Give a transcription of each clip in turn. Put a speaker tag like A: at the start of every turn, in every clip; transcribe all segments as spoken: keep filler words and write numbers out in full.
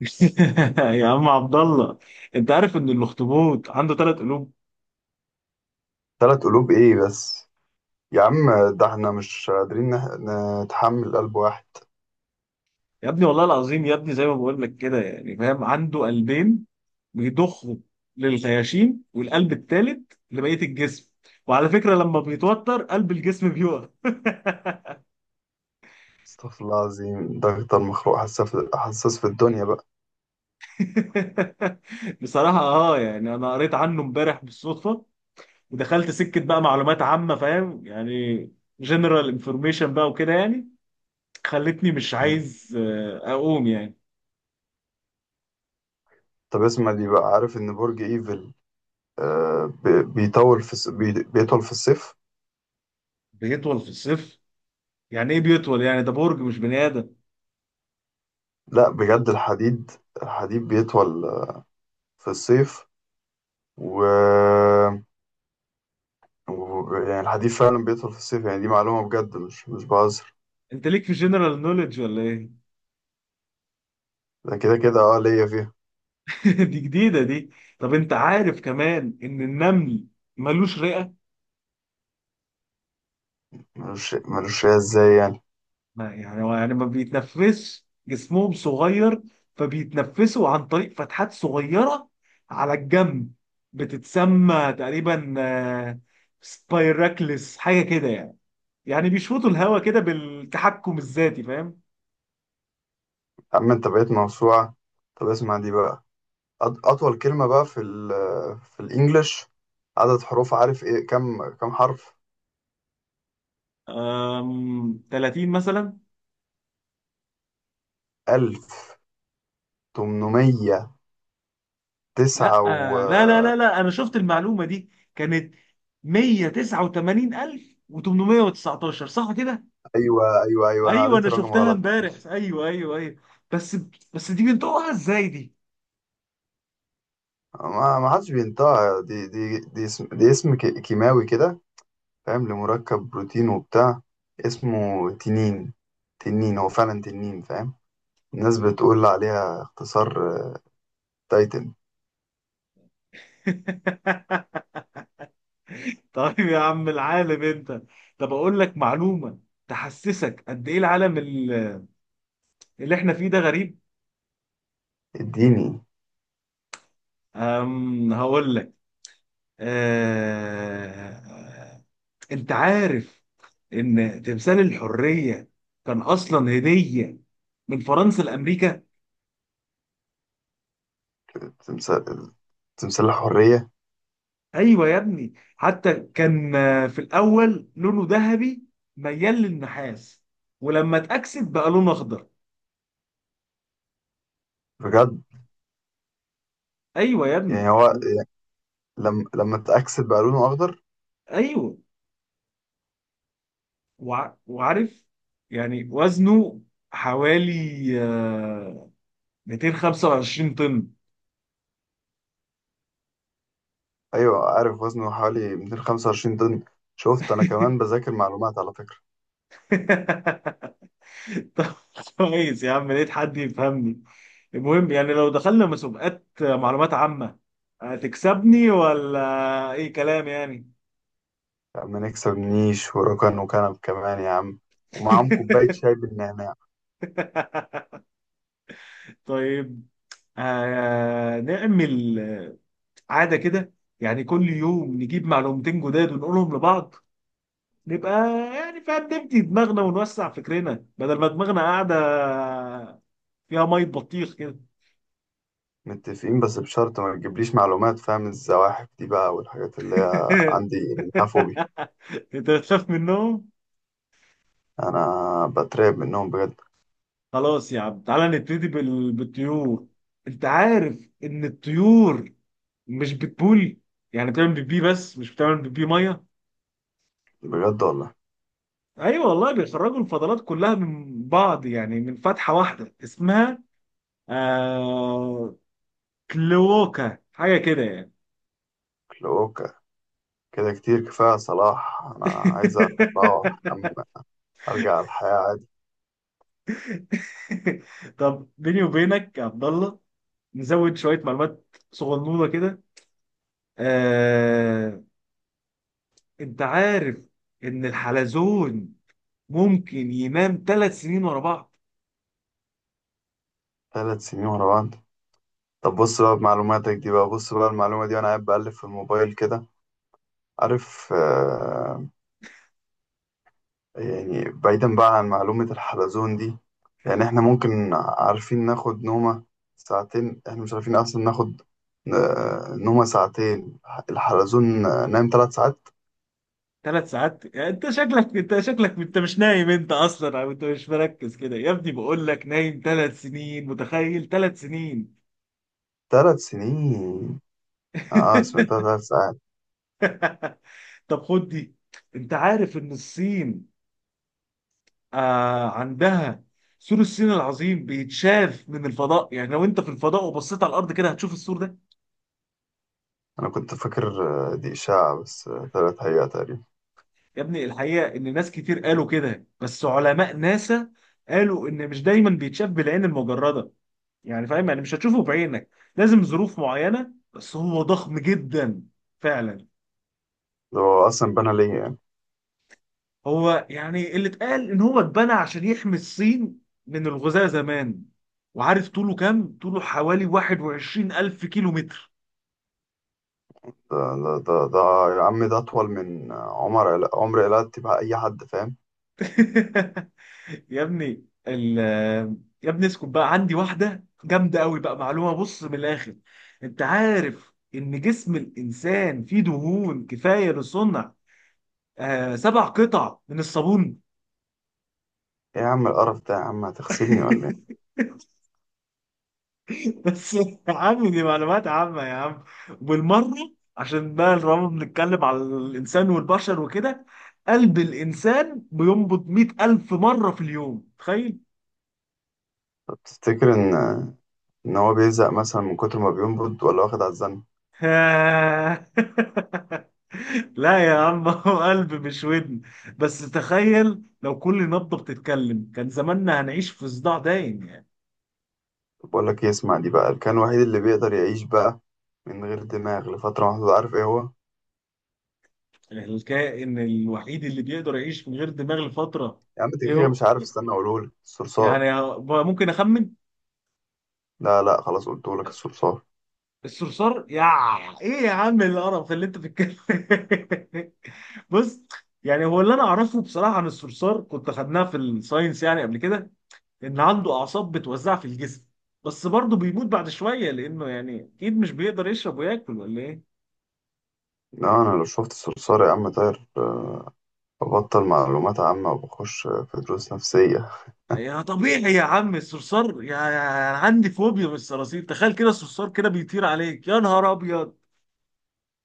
A: يا عم عبد الله، انت عارف ان الاخطبوط عنده ثلاث قلوب؟
B: ثلاث قلوب ايه بس، يا عم، ده احنا مش قادرين نح- نتحمل قلب واحد.
A: يا ابني والله العظيم يا ابني، زي ما بقول لك كده يعني، فاهم؟ عنده قلبين بيضخوا للخياشيم، والقلب الثالث لبقيه الجسم. وعلى فكره لما بيتوتر قلب الجسم بيقف.
B: استغفر الله العظيم، ده اكتر مخلوق حساس في حساس في الدنيا بقى.
A: بصراحه اه، يعني انا قريت عنه امبارح بالصدفه، ودخلت سكه بقى معلومات عامه، فاهم يعني، جنرال انفورميشن بقى وكده يعني. خلتني مش
B: مم.
A: عايز آه، اقوم يعني.
B: طب اسمع دي بقى، عارف ان برج ايفل آه بي- بيطول في الص- بي- بيطول في الصيف؟
A: بيطول في الصيف؟ يعني ايه بيطول؟ يعني ده برج مش بني ادم.
B: لا، بجد، الحديد الحديد بيطول آه، في الصيف و... و يعني الحديد فعلا بيطول في الصيف. يعني دي معلومة بجد، مش مش بهزر.
A: انت ليك في جنرال نوليدج ولا ايه؟
B: ده كده كده اه ليا فيها.
A: دي جديده دي. طب انت عارف كمان ان النمل ملوش رئه.
B: ملوش ملوش فيها ازاي يعني؟
A: ما يعني هو يعني ما بيتنفسش، جسمهم صغير فبيتنفسوا عن طريق فتحات صغيره على الجنب، بتتسمى تقريبا آه، سبايراكلس حاجه كده يعني. يعني بيشفطوا الهواء كده بالتحكم الذاتي، فاهم؟
B: عم، انت بقيت موسوعة. طب اسمع دي بقى، أط- أطول كلمة بقى في ال في الإنجليش، عدد حروف، عارف إيه؟ كم كم حرف؟
A: أم، ثلاثين مثلا؟
B: ألف تمنمية
A: لا،
B: تسعة و...
A: لا لا لا لا، انا شفت المعلومه دي، كانت مية وتسعة وتمانين ألف وتمنمية وتسعتاشر، صح كده؟
B: أيوة، أيوة، أيوة، أنا
A: ايوه،
B: قريت
A: انا
B: الرقم
A: شفتها
B: غلط
A: امبارح،
B: بس.
A: ايوه ايوه ايوه. بس بس دي بنطقها ازاي دي؟
B: ما ما حدش بينطقها. دي دي دي اسم دي اسم ك- كيماوي كده، فاهم، لمركب بروتين وبتاع. اسمه تنين، تنين هو فعلا تنين، فاهم. الناس بتقول عليها اختصار تايتن.
A: طيب يا عم العالم انت. طب اقول لك معلومه تحسسك قد ايه العالم ال- اللي احنا فيه ده غريب.
B: اديني.
A: أم هقول لك. أه... انت عارف ان تمثال الحريه كان اصلا هديه من فرنسا لامريكا.
B: تمثال تمثال الحرية.
A: ايوه يا ابني، حتى كان آه، في الاول لونه ذهبي ميال للنحاس، ولما اتاكسد بقى لونه اخضر.
B: بجد؟
A: ايوه يا
B: يعني
A: ابني
B: هو
A: و-
B: لما لما اتأكسد بقى لونه أخضر؟
A: ايوه وع- وعارف يعني وزنه حوالي آه، ميتين وخمسة وعشرين طن.
B: أيوه، عارف وزنه حوالي مئتين وخمسة وعشرين طن. شفت، أنا كمان بذاكر معلومات على فكرة.
A: طب كويس يا عم، لقيت حد يفهمني. المهم يعني لو دخلنا مسابقات معلومات عامة هتكسبني ولا ايه كلام يعني؟
B: يا عم نكسب نيش وركن وكنب كمان، يا عم، ومعاهم كوباية شاي بالنعناع.
A: طيب، آه نعمل آه، عادة كده، يعني كل يوم نجيب معلومتين جداد ونقولهم لبعض. نبقى يعني فاهم، نبدي دماغنا ونوسع فكرنا بدل ما دماغنا قاعدة فيها مية بطيخ كده.
B: متفقين، بس بشرط ما تجيبليش معلومات، فاهم، الزواحف دي بقى والحاجات اللي هي عندي منها فوبيا.
A: انت بتخاف منهم؟
B: أنا بترعب منهم بجد.
A: خلاص يا عم تعالى نبتدي بال... بالطيور. انت عارف ان الطيور مش بتبول؟ يعني بتعمل بيبي بس مش بتعمل بيبي ميه.
B: بجد والله.
A: ايوه والله، بيخرجوا الفضلات كلها من بعض يعني، من فتحه واحده اسمها آه... كلوكا حاجه كده يعني.
B: لو ك- كده كتير كفاية يا صلاح، أنا عايز أروح، أم- أرجع الحياة عادي.
A: طب بيني وبينك يا عبد الله، نزود شويه معلومات صغنونه كده. آه... انت عارف ان الحلزون ممكن ينام ثلاث سنين ورا بعض؟
B: ثلاث سنين ورا بعض؟ طب بص بقى بمعلوماتك دي بقى، بص بقى المعلومة دي، وأنا قاعد بقلب في الموبايل كده. عارف آه يعني بعيدا بقى عن معلومة الحلزون دي. يعني إحنا ممكن عارفين ناخد نومة ساعتين، إحنا مش عارفين أصلا ناخد آه نومة ساعتين. الحلزون آه، نام ثلاث ساعات.
A: ثلاث ساعات يعني؟ انت شكلك انت شكلك انت مش نايم انت اصلا، او انت مش مركز، كده يا ابني بقول لك نايم ثلاث سنين، متخيل ثلاث سنين؟
B: ثلاث سنين؟ آه، سمعتها ثلاث ساعات.
A: طب خد دي. انت عارف ان الصين آه عندها سور الصين العظيم بيتشاف من الفضاء؟ يعني لو انت في الفضاء وبصيت على الارض كده هتشوف السور ده.
B: أنا كنت فاكر آه، دي إشاعة، بس آه، طلعت حقيقة تقريبا.
A: يا ابني الحقيقه ان ناس كتير قالوا كده، بس علماء ناسا قالوا ان مش دايما بيتشاف بالعين المجرده. يعني فاهم، يعني مش هتشوفه بعينك، لازم ظروف معينة، بس هو ضخم جدا فعلا.
B: ده هو أصلا بنى ليه يعني؟
A: هو يعني اللي اتقال ان هو اتبنى عشان يحمي الصين من الغزاة زمان. وعارف طوله كام؟ طوله حوالي واحد وعشرين ألف كيلو متر.
B: ده ده ده ده يا عم، ده أطول من عمر عل- عمر قلعت تبقى أي حد، فاهم.
A: يا ابني ال يا ابني اسكت بقى، عندي واحدة جامدة قوي بقى، معلومة، بص من الآخر. انت عارف ان جسم الإنسان فيه دهون كفاية لصنع آه سبع قطع من الصابون؟
B: إيه يا عم القرف ده، يا عم، هتغسلني ولا إيه؟
A: بس يا عم دي معلومات عامة يا عم، بالمرة. عشان بقى طالما بنتكلم على الإنسان والبشر وكده، قلب الإنسان بينبض مئة ألف مرة في اليوم، تخيل.
B: طب تفتكر إن إن هو بيزهق مثلا من كتر ما بينبض، ولا واخد على الزن؟
A: آه. لا يا عم، هو قلب مش ودن. بس تخيل لو كل نبضة بتتكلم كان زماننا هنعيش في صداع دايم يعني.
B: طب بقول لك إيه، اسمع دي بقى، كان الوحيد اللي بيقدر يعيش بقى من غير دماغ لفترة محدودة، عارف إيه هو؟
A: الكائن الوحيد اللي بيقدر يعيش من غير دماغ لفترة؟
B: يا عم أنت كده
A: ايه
B: كده
A: هو
B: مش عارف، استنى أقولهولك،
A: يعني؟
B: الصرصار.
A: ممكن أخمن.
B: لا، لا، خلاص قلتهولك الصرصار.
A: الصرصار، يا ايه يا عم القرف اللي انت بتتكلم؟ بص، يعني هو اللي انا اعرفه بصراحه عن الصرصار، كنت خدناها في الساينس يعني قبل كده، ان عنده اعصاب بتوزعها في الجسم، بس برضه بيموت بعد شويه لانه يعني اكيد مش بيقدر يشرب وياكل، ولا ايه.
B: لا، أنا لو شفت الصرصار يا عم طاير، ببطل معلومات عامة وبخش في دروس نفسية.
A: يا طبيعي يا عم الصرصار، يا يا- انا عندي فوبيا من الصراصير. تخيل كده الصرصار كده بيطير عليك، يا نهار ابيض،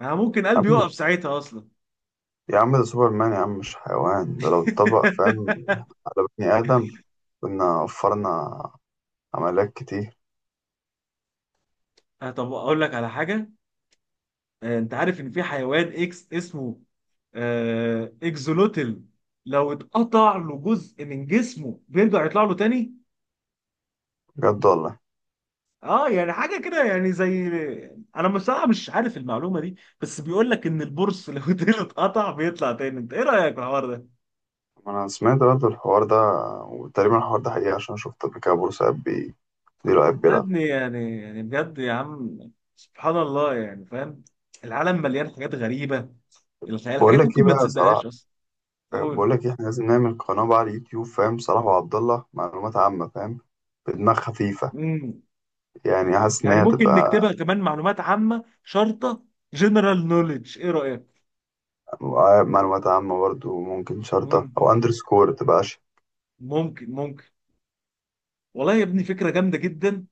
A: انا ممكن قلبي يقف ساعتها اصلا.
B: يا عم ده سوبرمان، يا عم مش حيوان، ده لو اتطبق، فاهم، على بني آدم كنا وفرنا عمليات كتير.
A: آه، طب اقول لك على حاجه. آه، انت عارف ان في حيوان اكس اسمه آه، اكزولوتل، لو اتقطع له جزء من جسمه بيرجع يطلع له تاني.
B: بجد والله.
A: اه يعني حاجه كده يعني زي، انا بصراحه مش عارف المعلومه دي بس بيقول لك ان البورس لو ديله اتقطع بيطلع تاني. انت ايه رايك في الحوار ده؟
B: ما أنا سمعت برضه الحوار ده، وتقريبا الحوار ده حقيقي عشان شفت قبل كده بورسعيد بي ديرو قاعد
A: والله يا
B: بيلعب.
A: ابني يعني يعني بجد يا عم، سبحان الله يعني فاهم، العالم مليان حاجات غريبه، الخيال،
B: بقول
A: حاجات
B: لك إيه
A: ممكن ما
B: بقى صلاح.
A: تصدقهاش اصلا. قول.
B: بقول لك إيه، إحنا لازم نعمل قناة بقى على اليوتيوب، فاهم، صلاح وعبد الله معلومات عامة، فاهم، بدماغ خفيفة.
A: امم
B: يعني حاسس إن
A: يعني
B: هي
A: ممكن
B: هتبقى.
A: نكتبها كمان معلومات عامه شرطه، جنرال نوليدج، ايه رايك؟
B: معلومات عامة برضه، ممكن شرطة
A: مم.
B: أو أندرسكور تبقى.
A: ممكن، ممكن. والله يا ابني فكرة جامدة جدا.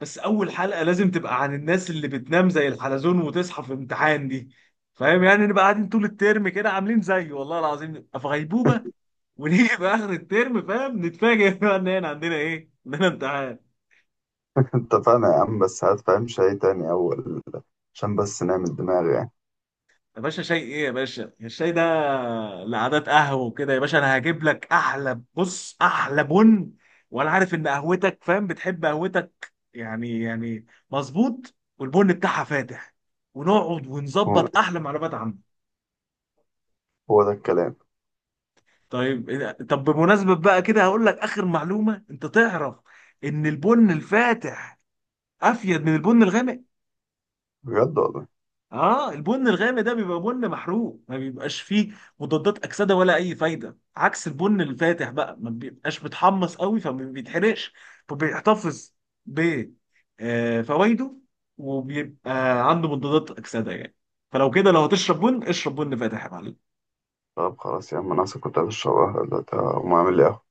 A: بس أول حلقة لازم تبقى عن الناس اللي بتنام زي الحلزون وتصحى في امتحان دي. فاهم يعني، نبقى قاعدين طول الترم كده عاملين زيه، والله العظيم نبقى في غيبوبة، ونيجي في آخر الترم فاهم، نتفاجئ بقى إن إحنا عندنا إيه؟ عندنا امتحان.
B: اتفقنا يا عم، بس هات فاهم شيء تاني أول عشان بس نعمل دماغ يعني.
A: يا باشا شاي ايه يا باشا الشاي ده؟ لعادات قهوه وكده يا باشا، انا هجيب لك احلى، بص، احلى بن. وانا عارف ان قهوتك، فاهم، بتحب قهوتك يعني يعني مظبوط، والبن بتاعها فاتح، ونقعد
B: هو
A: ونظبط احلى معلومات عنه.
B: هو ده الكلام.
A: طيب إيه- طب بمناسبه بقى كده هقول لك اخر معلومه، انت تعرف ان البن الفاتح افيد من البن الغامق؟
B: بجد والله.
A: اه، البن الغامق ده بيبقى بن محروق، ما بيبقاش فيه مضادات اكسده ولا اي فايده، عكس البن الفاتح بقى ما بيبقاش متحمص قوي فما بيتحرقش، فبيحتفظ ب آه، فوائده، وبيبقى عنده مضادات اكسده يعني. فلو كده لو هتشرب بن اشرب بن فاتح يا معلم.
B: طب خلاص يا عم، انا أصلا كنت عايز اشرب قهوة دلوقتي، هقوم اعمل لي قهوة.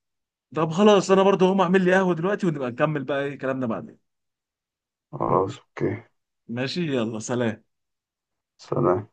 A: طب خلاص انا برضه هقوم اعمل لي قهوه دلوقتي، ونبقى نكمل بقى ايه كلامنا بعدين.
B: خلاص، اوكي،
A: ماشي، يلا سلام.
B: سلام.